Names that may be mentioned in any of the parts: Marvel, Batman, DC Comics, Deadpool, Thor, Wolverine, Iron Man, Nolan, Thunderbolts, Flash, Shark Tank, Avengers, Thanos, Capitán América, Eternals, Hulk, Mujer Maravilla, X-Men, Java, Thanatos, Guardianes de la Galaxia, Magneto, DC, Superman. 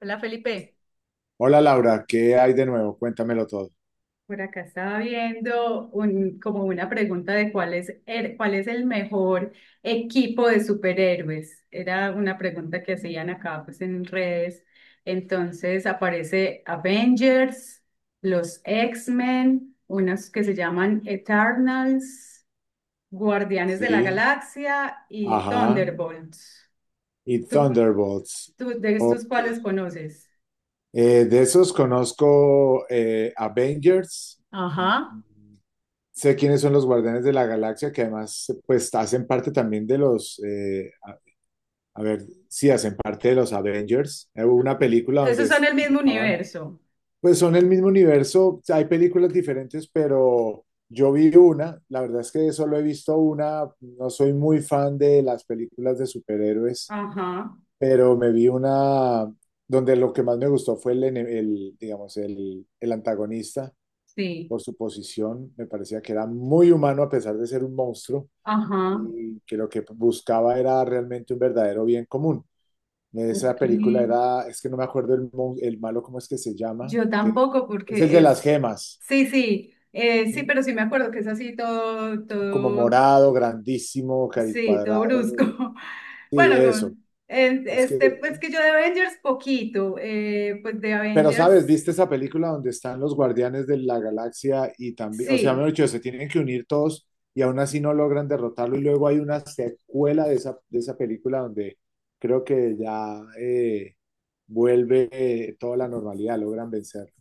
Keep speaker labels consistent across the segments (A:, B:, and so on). A: Hola, Felipe.
B: Hola Laura, ¿qué hay de nuevo? Cuéntamelo todo.
A: Por acá estaba viendo como una pregunta de cuál es el mejor equipo de superhéroes. Era una pregunta que hacían acá pues en redes. Entonces aparece Avengers, los X-Men, unos que se llaman Eternals, Guardianes de la
B: Sí,
A: Galaxia y
B: ajá.
A: Thunderbolts.
B: Y
A: ¿Tú,
B: Thunderbolts.
A: tú de estos
B: Ok.
A: cuáles conoces?
B: De esos conozco Avengers.
A: Ajá.
B: Mm, sé quiénes son los Guardianes de la Galaxia, que además pues hacen parte también a ver, sí, hacen parte de los Avengers. Hubo una película
A: Esos son el
B: donde
A: mismo
B: estaban.
A: universo.
B: Pues son el mismo universo, hay películas diferentes, pero yo vi una, la verdad es que solo he visto una, no soy muy fan de las películas de superhéroes,
A: Ajá.
B: pero me vi una donde lo que más me gustó fue el, digamos, el antagonista,
A: Sí,
B: por su posición. Me parecía que era muy humano a pesar de ser un monstruo
A: ajá,
B: y que lo que buscaba era realmente un verdadero bien común. Esa
A: ok.
B: película era, es que no me acuerdo el malo, ¿cómo es que se llama?
A: Yo
B: Que
A: tampoco
B: es el
A: porque
B: de las gemas,
A: sí, sí, pero sí me acuerdo que es así
B: como
A: todo,
B: morado, grandísimo,
A: sí, todo brusco.
B: caricuadrado. Sí,
A: Bueno,
B: eso. Es que,
A: pues que yo de Avengers poquito, pues de
B: pero sabes,
A: Avengers,
B: ¿viste esa película donde están los guardianes de la galaxia y también, o sea, mejor
A: sí.
B: dicho, se tienen que unir todos y aún así no logran derrotarlo, y luego hay una secuela de esa película donde creo que ya vuelve, toda la normalidad, logran vencer.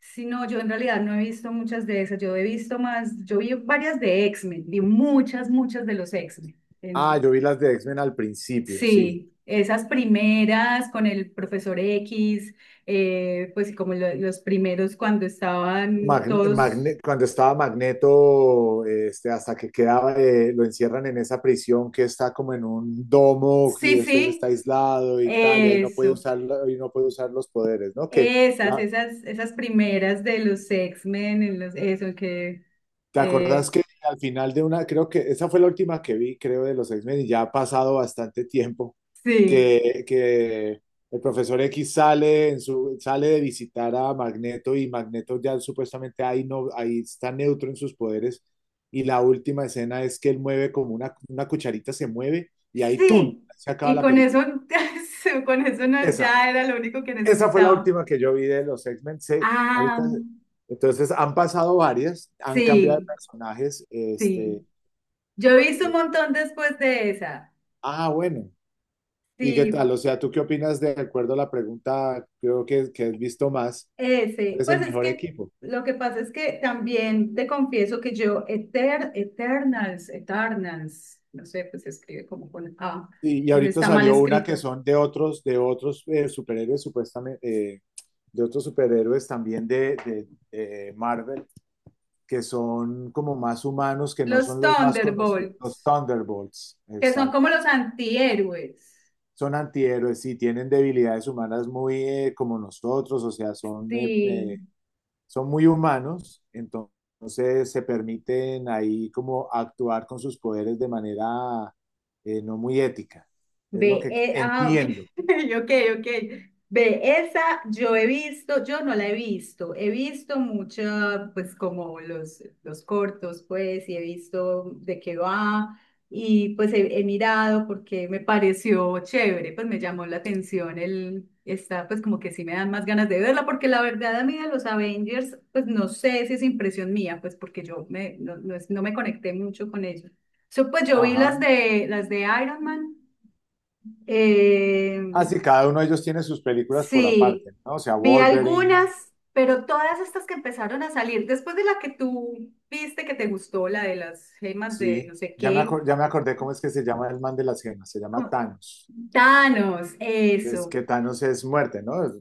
A: Sí, no, yo en realidad no he visto muchas de esas, yo he visto más, yo vi varias de X-Men, vi muchas de los X-Men.
B: Ah, yo vi las de X-Men al principio, sí.
A: Sí, esas primeras con el profesor X, pues sí, como los primeros cuando estaban todos,
B: Cuando estaba Magneto, este, hasta que quedaba, lo encierran en esa prisión que está como en un domo, y
A: sí,
B: este, él está
A: sí,
B: aislado y tal, y ahí no puede
A: eso,
B: usar, y no puede usar los poderes, ¿no? La,
A: esas primeras de los X-Men, en los, eso que,
B: ¿Te acordás
A: eh,
B: que al final de una, creo que esa fue la última que vi, creo, de los X-Men? Y ya ha pasado bastante tiempo,
A: sí,
B: que el profesor X sale, en su, sale de visitar a Magneto, y Magneto ya supuestamente ahí, no, ahí está neutro en sus poderes, y la última escena es que él mueve como una cucharita, se mueve, y ahí ¡tum!,
A: sí,
B: se acaba
A: y
B: la
A: con eso,
B: película.
A: con eso
B: Esa,
A: ya era lo único que
B: esa fue la
A: necesitaba.
B: última que yo vi de los X-Men. Se-
A: Ah,
B: ahorita, entonces han pasado varias, han cambiado de
A: sí,
B: personajes, este,
A: sí, yo he visto un
B: Eh,
A: montón después de esa,
B: ah, bueno. ¿Y qué
A: sí.
B: tal? O sea, ¿tú qué opinas? De acuerdo a la pregunta, creo que has visto más, ¿cuál
A: Ese,
B: es el
A: pues es
B: mejor
A: que
B: equipo?
A: lo que pasa es que también te confieso que Eternals, Eternals, no sé, pues se escribe como con A,
B: Y
A: entonces
B: ahorita
A: está mal
B: salió una que
A: escrito.
B: son de otros, de otros superhéroes, supuestamente, de otros superhéroes también de Marvel, que son como más humanos, que no
A: Los
B: son los más conocidos, los
A: Thunderbolts,
B: Thunderbolts,
A: que son como
B: exacto.
A: los antihéroes.
B: Son antihéroes, sí, tienen debilidades humanas muy como nosotros, o sea, son
A: Sí.
B: son muy humanos, entonces se permiten ahí como actuar con sus poderes de manera no muy ética. Es lo que
A: Ok,
B: entiendo.
A: ok, ok. Ve, esa yo he visto, yo no la he visto mucha, pues como los cortos, pues, y he visto de qué va, y pues he mirado porque me pareció chévere, pues me llamó la atención pues como que sí me dan más ganas de verla, porque la verdad a mí de los Avengers, pues no sé si es impresión mía, pues porque yo me, no, no, es- no me conecté mucho con ellos. So, pues yo vi
B: Ajá.
A: las de Iron Man. Eh,
B: Así cada uno de ellos tiene sus películas por
A: sí,
B: aparte, ¿no? O sea,
A: vi
B: Wolverine,
A: algunas, pero todas estas que empezaron a salir, después de la que tú viste que te gustó, la de las gemas de
B: sí.
A: no sé qué,
B: Ya me acordé cómo es que se llama el man de las gemas, se llama
A: como,
B: Thanos,
A: Thanos,
B: que es
A: eso.
B: que Thanos es muerte, ¿no? Es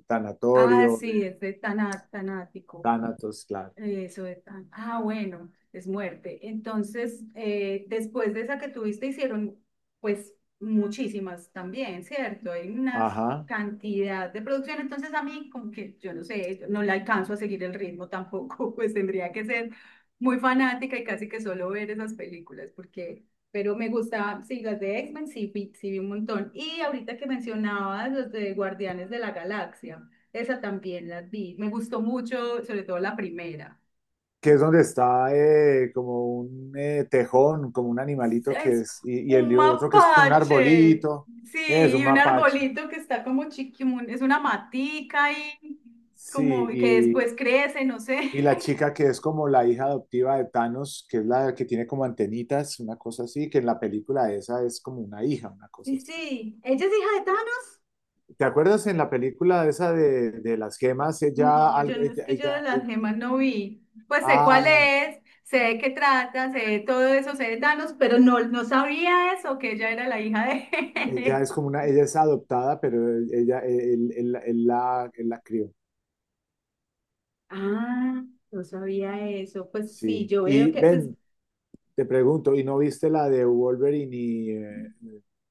A: Ah,
B: Tanatorio,
A: sí, es de Tanático.
B: Thanatos, claro.
A: Eso es. Bueno, es muerte. Entonces, después de esa que tuviste, hicieron pues muchísimas también, ¿cierto? Hay una
B: Ajá.
A: cantidad de producción. Entonces, a mí, como que yo no sé, no le alcanzo a seguir el ritmo tampoco. Pues tendría que ser muy fanática y casi que solo ver esas películas, porque, pero me gustaba, sí, las de X-Men sí, sí vi un montón. Y ahorita que mencionabas los de Guardianes de la Galaxia. Esa también la vi. Me gustó mucho, sobre todo la primera.
B: Que es donde está como un tejón, como un animalito que
A: Es
B: es, y el
A: un
B: de otro que es como un
A: mapache.
B: arbolito, es
A: Sí,
B: un
A: y un
B: mapache,
A: arbolito que está como chiquimun. Es una matica ahí, como
B: sí,
A: que después crece, no sé.
B: y la chica que es como la hija adoptiva de Thanos, que es la que tiene como antenitas, una cosa así, que en la película esa es como una hija, una cosa
A: Y
B: así.
A: sí, ¿ella es hija de Thanos?
B: ¿Te acuerdas en la película esa de las gemas? Ella,
A: No, yo
B: algo-
A: no es
B: ella,
A: que yo de
B: ella,
A: las gemas no vi. Pues sé cuál
B: Ah,
A: es, sé de qué trata, sé de todo eso, sé de Thanos, pero no, no sabía eso, que ella era la hija
B: ella
A: de
B: es como una, ella es adoptada, pero ella, él la crió.
A: Ah, no sabía eso. Pues sí,
B: Sí.
A: yo veo
B: Y
A: que pues,
B: ven, te pregunto, ¿y no viste la de Wolverine y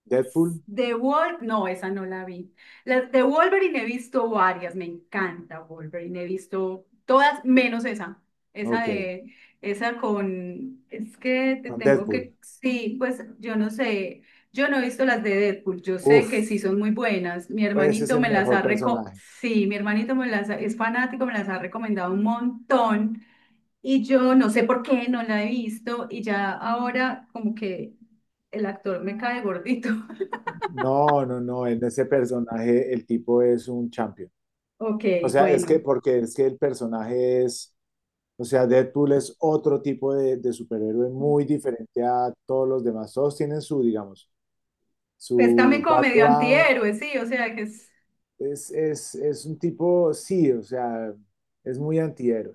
B: Deadpool?
A: The Wolf, no, esa no la vi. Las de Wolverine he visto varias, me encanta Wolverine, he visto todas menos esa. Esa
B: Ok,
A: de, esa con, es que te
B: con
A: tengo
B: Deadpool.
A: que, sí, pues yo no sé, yo no he visto las de Deadpool, yo sé
B: Uf,
A: que sí son muy buenas. Mi
B: pues ese es
A: hermanito
B: el
A: me las
B: mejor
A: ha reco,
B: personaje.
A: sí, mi hermanito es fanático, me las ha recomendado un montón. Y yo no sé por qué no la he visto y ya ahora como que el actor me cae gordito.
B: No, no, no, en ese personaje el tipo es un champion.
A: Ok,
B: O sea, es que
A: bueno.
B: porque es que el personaje es, o sea, Deadpool es otro tipo de superhéroe muy diferente a todos los demás. Todos tienen su, digamos,
A: Pues también
B: su
A: como medio
B: background.
A: antihéroe, sí, o sea que es...
B: Es un tipo, sí, o sea, es muy antihéroe.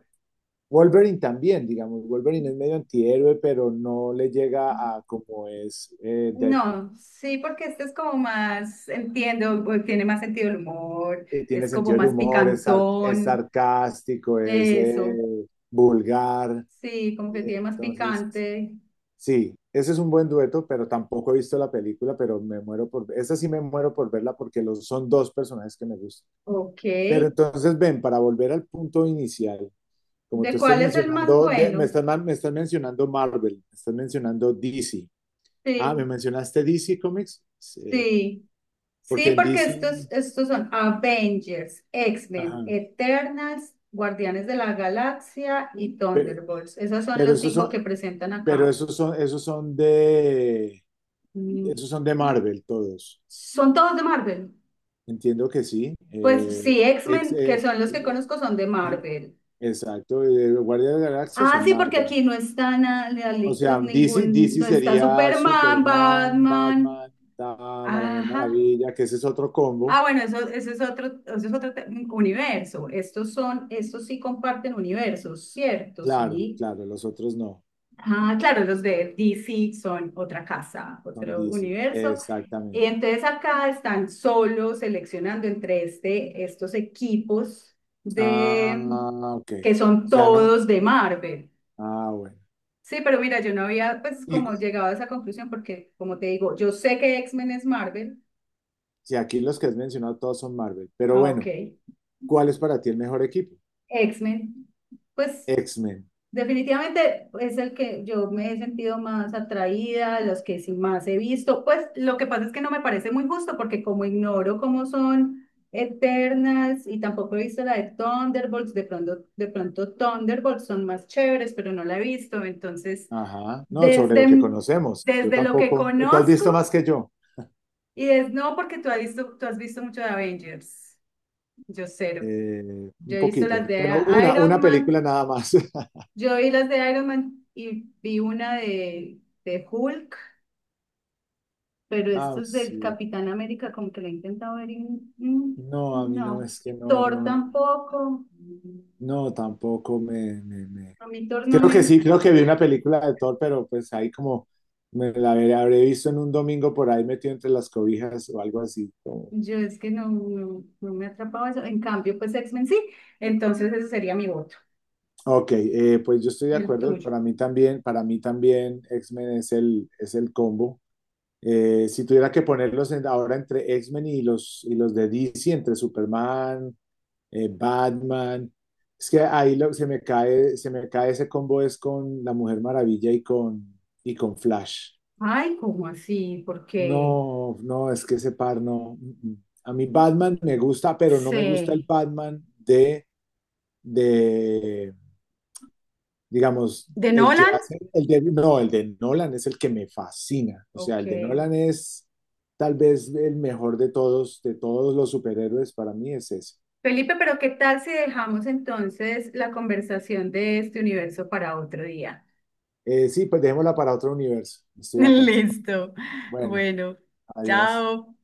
B: Wolverine también, digamos, Wolverine es medio antihéroe, pero no le llega a como es Deadpool.
A: No, sí, porque este es como más, entiendo, pues, tiene más sentido el humor,
B: Tiene
A: es como
B: sentido del
A: más
B: humor, es, es
A: picantón,
B: sarcástico, es
A: eso,
B: vulgar.
A: sí, como que
B: Eh,
A: tiene más
B: entonces,
A: picante.
B: sí, ese es un buen dueto, pero tampoco he visto la película, pero me muero por, esa sí me muero por verla porque los, son dos personajes que me gustan.
A: Ok,
B: Pero entonces, ven, para volver al punto inicial, como tú
A: ¿de
B: estás
A: cuál es el más
B: mencionando,
A: bueno?
B: me estás mencionando Marvel, me estás mencionando DC. Ah, me
A: Sí,
B: mencionaste DC Comics. Sí,
A: sí.
B: porque
A: Sí,
B: en
A: porque
B: DC,
A: estos son Avengers, X-Men,
B: ajá,
A: Eternals, Guardianes de la Galaxia y
B: pe-
A: Thunderbolts. Esos son
B: pero,
A: los cinco que presentan
B: pero
A: acá.
B: esos son, esos son
A: Mm,
B: esos son de Marvel todos.
A: ¿son todos de Marvel?
B: Entiendo que sí.
A: Pues sí,
B: Ex-
A: X-Men, que
B: eh,
A: son los que conozco, son de
B: el-
A: Marvel.
B: exacto, Guardias de la Galaxia
A: Ah,
B: son
A: sí, porque
B: Marvel.
A: aquí no está nada,
B: O
A: pues
B: sea, DC,
A: ningún,
B: DC
A: no está
B: sería
A: Superman,
B: Superman,
A: Batman.
B: Batman, Tama, la Mujer
A: Ajá.
B: Maravilla, que ese es otro combo.
A: Ah, bueno, eso es otro universo. Estos son, estos sí comparten universos, ¿cierto?
B: Claro,
A: Sí.
B: claro, los otros no,
A: Ah, claro, los de DC son otra casa,
B: son
A: otro
B: DC,
A: universo.
B: exactamente.
A: Y entonces acá están solo seleccionando entre estos equipos
B: Ah,
A: de
B: ok.
A: que
B: O
A: son
B: sea, no.
A: todos de Marvel.
B: Ah, bueno.
A: Sí, pero mira, yo no había pues
B: Y
A: como llegado a esa conclusión porque como te digo, yo sé que X-Men es Marvel.
B: si aquí los que has mencionado todos son Marvel, pero
A: Ah, ok.
B: bueno, ¿cuál es para ti el mejor equipo?
A: X-Men, pues
B: X-Men.
A: definitivamente es el que yo me he sentido más atraída, los que sí más he visto. Pues lo que pasa es que no me parece muy justo porque como ignoro cómo son Eternas y tampoco he visto la de Thunderbolts, de pronto Thunderbolts son más chéveres, pero no la he visto. Entonces,
B: Ajá. No, sobre lo que
A: desde,
B: conocemos. Yo
A: desde lo que
B: tampoco. Tú has
A: conozco
B: visto más que yo.
A: y es no porque tú has visto mucho de Avengers, yo cero. Yo
B: Un
A: he visto
B: poquito,
A: las de
B: pero
A: Iron
B: una
A: Man.
B: película nada más.
A: Yo vi las de Iron Man y vi una de Hulk, pero
B: Ah,
A: esto es del
B: sí.
A: Capitán América, como que la he intentado ver y mm,
B: No, a mí no
A: no.
B: es que no,
A: Thor
B: no, no.
A: tampoco.
B: No, tampoco
A: A mí Thor no
B: creo
A: me...
B: que sí, creo que vi una película de Thor, pero pues ahí como habré visto en un domingo por ahí metido entre las cobijas o algo así. Como-
A: Yo es que no me atrapaba eso. En cambio, pues X-Men sí. Entonces ese sería mi voto.
B: ok, pues yo estoy de
A: Y el
B: acuerdo.
A: tuyo.
B: Para mí también X-Men es el combo. Si tuviera que ponerlos en- ahora entre X-Men y los de DC, entre Superman, Batman, es que ahí lo- se me cae ese combo es con la Mujer Maravilla y con Flash.
A: Ay, ¿cómo así? Porque
B: No, no, es que ese par no. Mm, mm. A mí Batman me gusta, pero no me gusta el
A: sé.
B: Batman de, digamos,
A: ¿De
B: el que
A: Nolan?
B: hace, el de, no, el de Nolan es el que me fascina. O sea,
A: Ok.
B: el de Nolan es tal vez el mejor de todos los superhéroes, para mí es ese.
A: Felipe, pero ¿qué tal si dejamos entonces la conversación de este universo para otro día?
B: Sí, pues dejémosla para otro universo. Estoy de acuerdo.
A: Listo.
B: Bueno,
A: Bueno,
B: adiós.
A: chao.